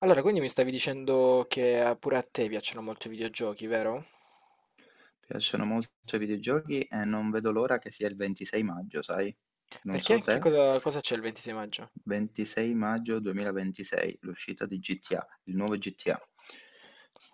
Allora, quindi mi stavi dicendo che pure a te piacciono molto i videogiochi, vero? Piacciono molto i videogiochi e non vedo l'ora che sia il 26 maggio, sai? Non Perché so che te, cosa c'è il 26 maggio? 26 maggio 2026, l'uscita di GTA, il nuovo GTA.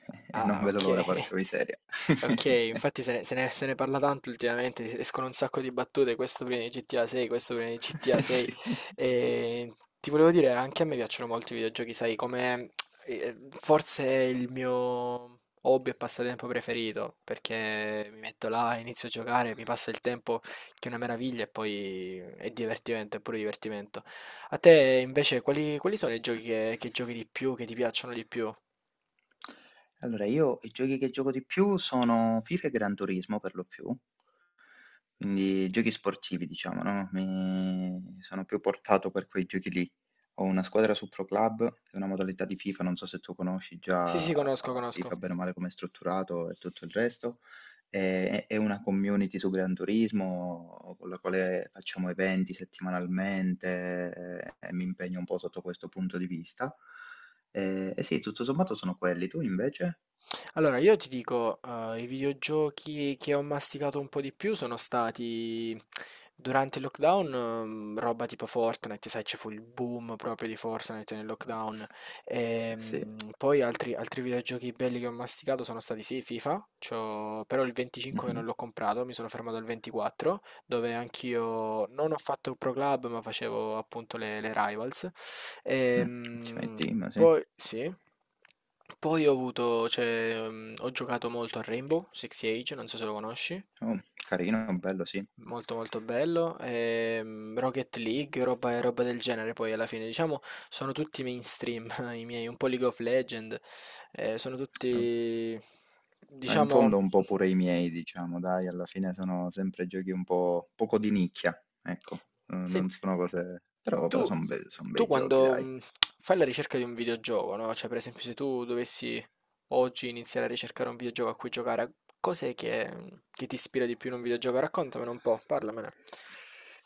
E non Ah, vedo ok. l'ora, porca miseria. Okay, infatti se ne parla tanto ultimamente, escono un sacco di battute, questo prima di GTA 6, questo prima di GTA Eh 6. sì. E ti volevo dire, anche a me piacciono molto i videogiochi, sai, come forse il mio hobby e passatempo preferito, perché mi metto là, inizio a giocare, mi passa il tempo che è una meraviglia e poi è divertimento, è pure divertimento. A te invece quali sono i giochi che giochi di più, che ti piacciono di più? Allora, io i giochi che gioco di più sono FIFA e Gran Turismo per lo più. Quindi giochi sportivi diciamo, no, mi sono più portato per quei giochi lì. Ho una squadra su Pro Club, che è una modalità di FIFA, non so se tu conosci Sì, già sì, conosco, FIFA conosco. bene o male com'è strutturato e tutto il resto, e una community su Gran Turismo con la quale facciamo eventi settimanalmente e mi impegno un po' sotto questo punto di vista. E sì, tutto sommato sono quelli. Tu invece? Allora, io ti dico, i videogiochi che ho masticato un po' di più sono stati durante il lockdown, roba tipo Fortnite, sai, ci fu il boom proprio di Fortnite nel lockdown. Sì. Poi altri videogiochi belli che ho masticato sono stati sì, FIFA, però il 25 Mh-mh. non l'ho comprato, mi sono fermato al 24, dove anch'io non ho fatto il Pro Club, ma facevo appunto le Rivals. Mh, ci Ehm, metti, ma sì. Poi sì. Poi ho avuto, cioè, ho giocato molto a Rainbow Six Siege, non so se lo conosci, Oh, carino, bello, sì. molto molto bello, Rocket League, roba del genere poi alla fine, diciamo, sono tutti mainstream i miei, un po' League of Legend, sono Eh, tutti in diciamo. fondo un po' pure i miei, diciamo, dai, alla fine sono sempre giochi un po' poco di nicchia, ecco, Sen non sono cose, però tu sono tu bei giochi, quando, dai. Fai la ricerca di un videogioco, no, cioè per esempio se tu dovessi oggi iniziare a ricercare un videogioco a cui giocare, cos'è che ti ispira di più in un videogioco? Raccontamene un po', parlamene.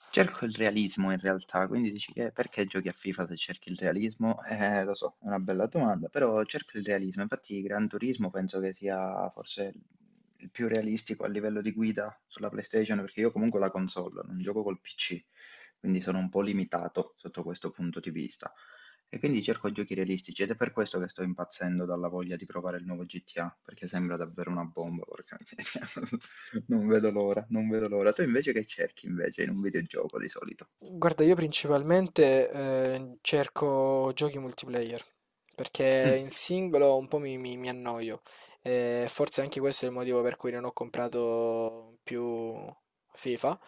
Cerco il realismo in realtà, quindi dici che perché giochi a FIFA se cerchi il realismo? Lo so, è una bella domanda, però cerco il realismo. Infatti Gran Turismo penso che sia forse il più realistico a livello di guida sulla PlayStation, perché io comunque ho la console, non gioco col PC, quindi sono un po' limitato sotto questo punto di vista. E quindi cerco giochi realistici ed è per questo che sto impazzendo dalla voglia di provare il nuovo GTA, perché sembra davvero una bomba, porca miseria. Non vedo l'ora, non vedo l'ora. Tu invece che cerchi invece in un videogioco di solito? Guarda, io principalmente cerco giochi multiplayer, perché Mm, in singolo un po' mi annoio. E forse anche questo è il motivo per cui non ho comprato più FIFA.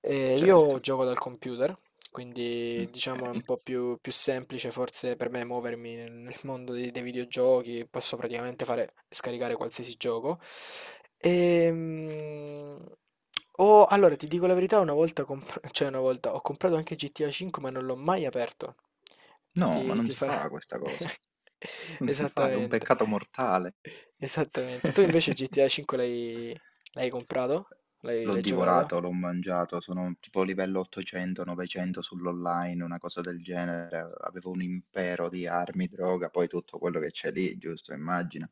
E io certo, gioco dal computer, quindi diciamo è un ok. po' più semplice forse per me muovermi nel mondo dei videogiochi, posso praticamente fare, scaricare qualsiasi gioco. Ehm, allora ti dico la verità, una volta, cioè una volta ho comprato anche GTA 5 ma non l'ho mai aperto. No, ma Ti, non ti si farà. fa questa cosa. Non si fa, è un Esattamente, peccato mortale. esattamente. Tu invece GTA 5 l'hai comprato? L'hai L'ho l'hai giocato? divorato, l'ho mangiato, sono tipo livello 800, 900 sull'online, una cosa del genere. Avevo un impero di armi, droga, poi tutto quello che c'è lì, giusto, immagino.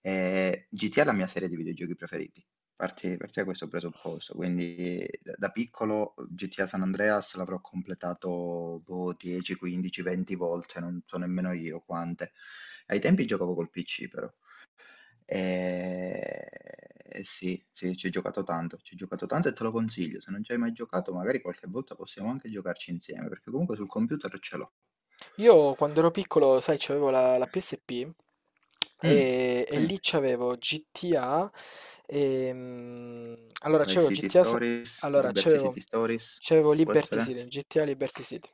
E GTA è la mia serie di videogiochi preferiti. Parti, parti da questo presupposto, quindi da piccolo GTA San Andreas l'avrò completato boh, 10, 15, 20 volte, non so nemmeno io quante. Ai tempi giocavo col PC però. E... e sì, sì, ci ho giocato tanto, ci ho giocato tanto e te lo consiglio. Se non ci hai mai giocato, magari qualche volta possiamo anche giocarci insieme, perché comunque sul computer ce l'ho. Io quando ero piccolo, sai, c'avevo la PSP. Mm, E sì. lì c'avevo GTA, ehm, allora Vice c'avevo City GTA, Stories, allora Liberty c'avevo City Stories, c'avevo può Liberty essere? City, GTA Liberty City,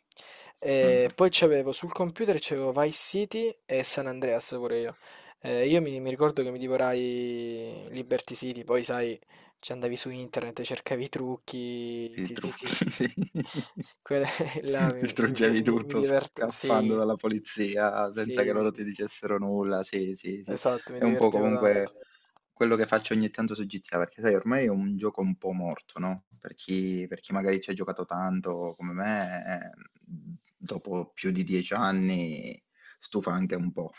Non lo so. e poi c'avevo sul computer c'avevo Vice City e San Andreas pure io. Io mi ricordo che mi divorai Liberty City, poi sai, ci andavi su internet, cercavi i trucchi, E trucchi, sì. quelle là Distruggevi tutto scappando sì, dalla polizia senza sì, che loro ti dicessero nulla. Sì, sì, sì. esatto, mi È un po' divertivo tanto, comunque quello che faccio ogni tanto su GTA, perché sai, ormai è un gioco un po' morto, no? Per chi magari ci ha giocato tanto come me, dopo più di 10 anni stufa anche un po'.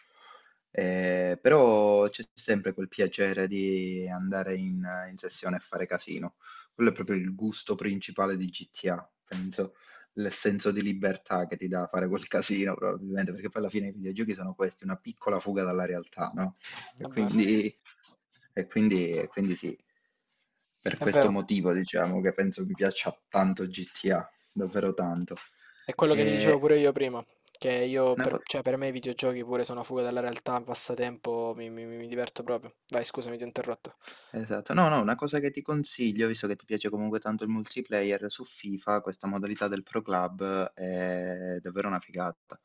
Però c'è sempre quel piacere di andare in sessione e fare casino. Quello è proprio il gusto principale di GTA, penso, il senso di libertà che ti dà fare quel casino probabilmente, perché poi alla fine i videogiochi sono questi, una piccola fuga dalla realtà, no? è E vero, quindi, e quindi sì, per è questo vero. motivo diciamo che penso mi piaccia tanto GTA, davvero tanto. È quello che ti dicevo E pure io prima, che io una per, co- cioè, per me i videogiochi pure sono fuga dalla realtà, un passatempo, mi diverto proprio. Vai, scusami, ti ho interrotto. Esatto. No, no, una cosa che ti consiglio, visto che ti piace comunque tanto il multiplayer, su FIFA questa modalità del Pro Club è davvero una figata,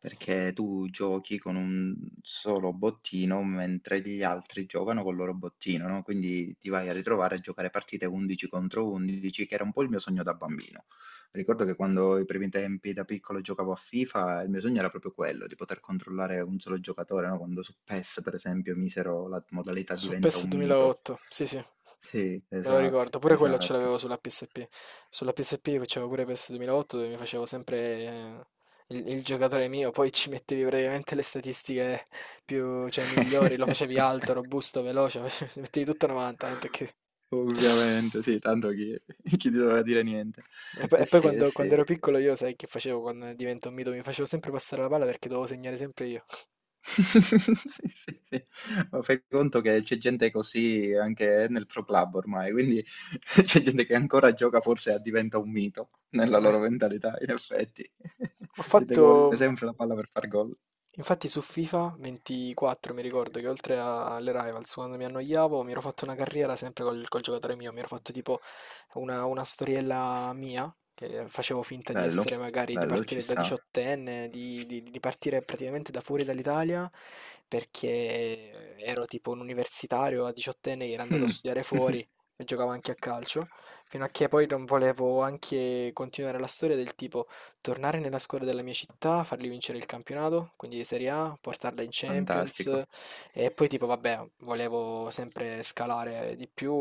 perché tu giochi con un solo bottino mentre gli altri giocano col loro bottino, no? Quindi ti vai a ritrovare a giocare partite 11 contro 11, che era un po' il mio sogno da bambino. Ricordo che quando i primi tempi da piccolo giocavo a FIFA, il mio sogno era proprio quello, di poter controllare un solo giocatore, no? Quando su PES, per esempio, misero la modalità Su diventa PES un mito. 2008, sì sì, me Sì, lo esatto, ricordo, pure quello ce esatto. l'avevo sulla PSP. Sulla PSP facevo pure PES 2008 dove mi facevo sempre eh, il giocatore mio, poi ci mettevi praticamente le statistiche più, cioè, migliori, lo facevi alto, robusto, veloce, ci mettevi tutto 90, tanto che. Ovviamente, sì, tanto chi, chi ti doveva dire niente. E poi, Eh e poi sì, eh quando sì. ero piccolo io sai che facevo quando divento un mito? Mi facevo sempre passare la palla perché dovevo segnare sempre io. Sì, sì, sì. Ma fai conto che c'è gente così anche nel Pro Club ormai, quindi c'è gente che ancora gioca forse a diventa un mito nella Eh, loro mentalità, in effetti. Ho Gente che fatto. vuole sempre la palla per far gol. Infatti su FIFA 24 mi ricordo che oltre alle Rivals, quando mi annoiavo, mi ero fatto una carriera sempre col giocatore mio, mi ero fatto tipo una storiella mia, che facevo finta di Bello, essere magari di bello, ci partire da sta. diciottenne, di partire praticamente da fuori dall'Italia, perché ero tipo un universitario a diciottenne che era andato a Mm. studiare fuori e giocavo anche a calcio, fino a che poi non volevo anche continuare la storia del tipo. Tornare nella squadra della mia città, fargli vincere il campionato, quindi di Serie A, portarla in Champions Fantastico. e poi tipo vabbè, volevo sempre scalare di più,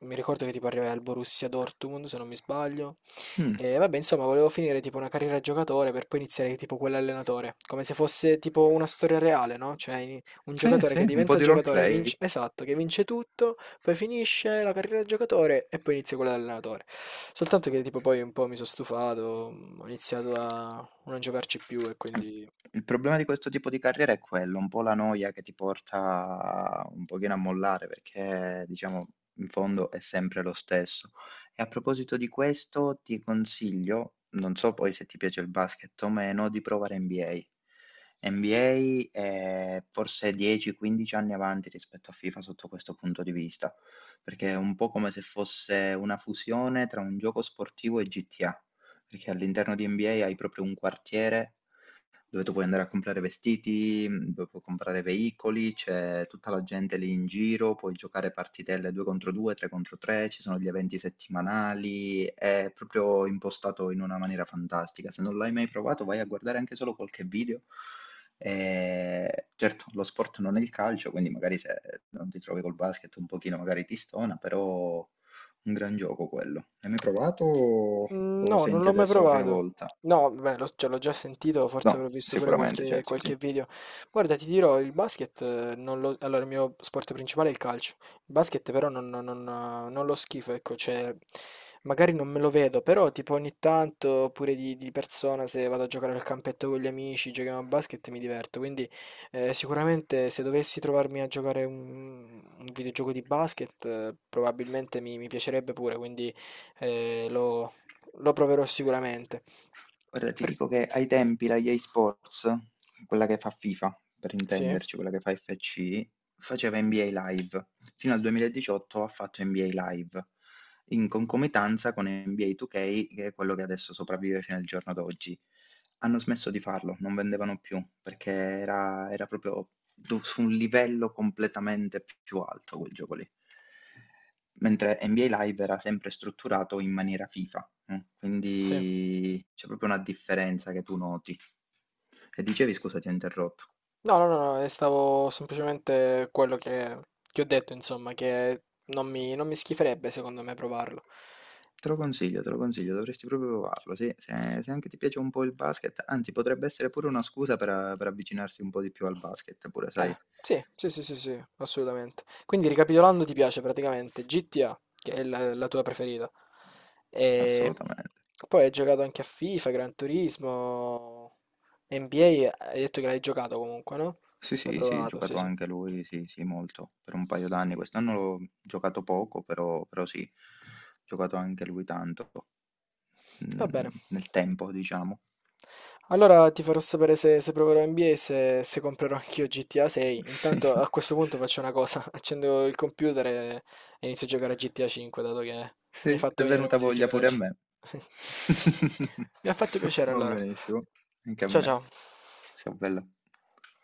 mi ricordo che tipo arrivai al Borussia Dortmund se non mi sbaglio Mm, e vabbè insomma volevo finire tipo una carriera da giocatore per poi iniziare tipo quell'allenatore, come se fosse tipo una storia reale, no? Cioè un sì, giocatore che sì, un po' diventa di giocatore, vince, roleplay. esatto, che vince tutto poi finisce la carriera da giocatore e poi inizia quella da allenatore. Soltanto che tipo poi un po' mi sono stufato, ho iniziato a non giocarci più e quindi. Il problema di questo tipo di carriera è quello, un po' la noia che ti porta un pochino a mollare, perché diciamo in fondo è sempre lo stesso. E a proposito di questo, ti consiglio, non so poi se ti piace il basket o meno, di provare NBA. NBA è forse 10-15 anni avanti rispetto a FIFA sotto questo punto di vista, perché è un po' come se fosse una fusione tra un gioco sportivo e GTA. Perché all'interno di NBA hai proprio un quartiere dove tu puoi andare a comprare vestiti, dove puoi comprare veicoli, c'è tutta la gente lì in giro, puoi giocare partitelle 2 contro 2, 3 contro 3, ci sono gli eventi settimanali, è proprio impostato in una maniera fantastica. Se non l'hai mai provato, vai a guardare anche solo qualche video. E certo, lo sport non è il calcio, quindi magari se non ti trovi col basket un pochino magari ti stona, però un gran gioco quello. L'hai mai provato o Mm, o lo no, non senti l'ho mai adesso la prima provato. volta? No, beh, cioè, l'ho già sentito, forse avrò No, visto pure sicuramente, qualche, certo, sì. qualche video. Guarda, ti dirò, il basket, non lo, allora il mio sport principale è il calcio. Il basket però non lo schifo, ecco, cioè, magari non me lo vedo, però tipo ogni tanto, oppure di persona, se vado a giocare al campetto con gli amici, giochiamo a basket, mi diverto. Quindi sicuramente se dovessi trovarmi a giocare un videogioco di basket, probabilmente mi piacerebbe pure, quindi. Eh, lo, lo proverò sicuramente. Guarda, ti Per- dico che ai tempi la EA Sports, quella che fa FIFA, per Sì, intenderci, quella che fa FC, faceva NBA Live. Fino al 2018 ha fatto NBA Live, in concomitanza con NBA 2K, che è quello che adesso sopravvive fino al giorno d'oggi. Hanno smesso di farlo, non vendevano più, perché era proprio du su un livello completamente p più alto quel gioco lì. Mentre NBA Live era sempre strutturato in maniera FIFA, sì. quindi c'è proprio una differenza che tu noti. E dicevi scusa, ti ho interrotto. No, no, no, no, stavo semplicemente quello che ho detto, insomma, che non mi schiferebbe secondo me provarlo. Te lo consiglio, dovresti proprio provarlo, sì, se anche ti piace un po' il basket, anzi potrebbe essere pure una scusa per avvicinarsi un po' di più al basket pure, Eh, sai? sì, sì, sì, sì, sì, assolutamente. Quindi ricapitolando, ti piace praticamente GTA, che è la tua preferita. E Assolutamente. poi hai giocato anche a FIFA, Gran Turismo, NBA, hai detto che l'hai giocato comunque, no? Sì, L'hai sì, sì, provato, sì, giocato sì. anche lui, sì, sì, molto, per un paio d'anni. Quest'anno l'ho giocato poco, però sì, giocato anche lui tanto, Va bene. nel tempo, diciamo. Allora ti farò sapere se proverò NBA e se comprerò anch'io GTA 6. Intanto a questo punto faccio una cosa, accendo il computer e inizio a giocare a GTA 5, dato che Sì, mi hai sì, fatto è venire venuta voglia di voglia giocare a pure a me. GTA. Mi ha fatto piacere Va allora. benissimo, anche a Ciao me. ciao. Ciao, bella.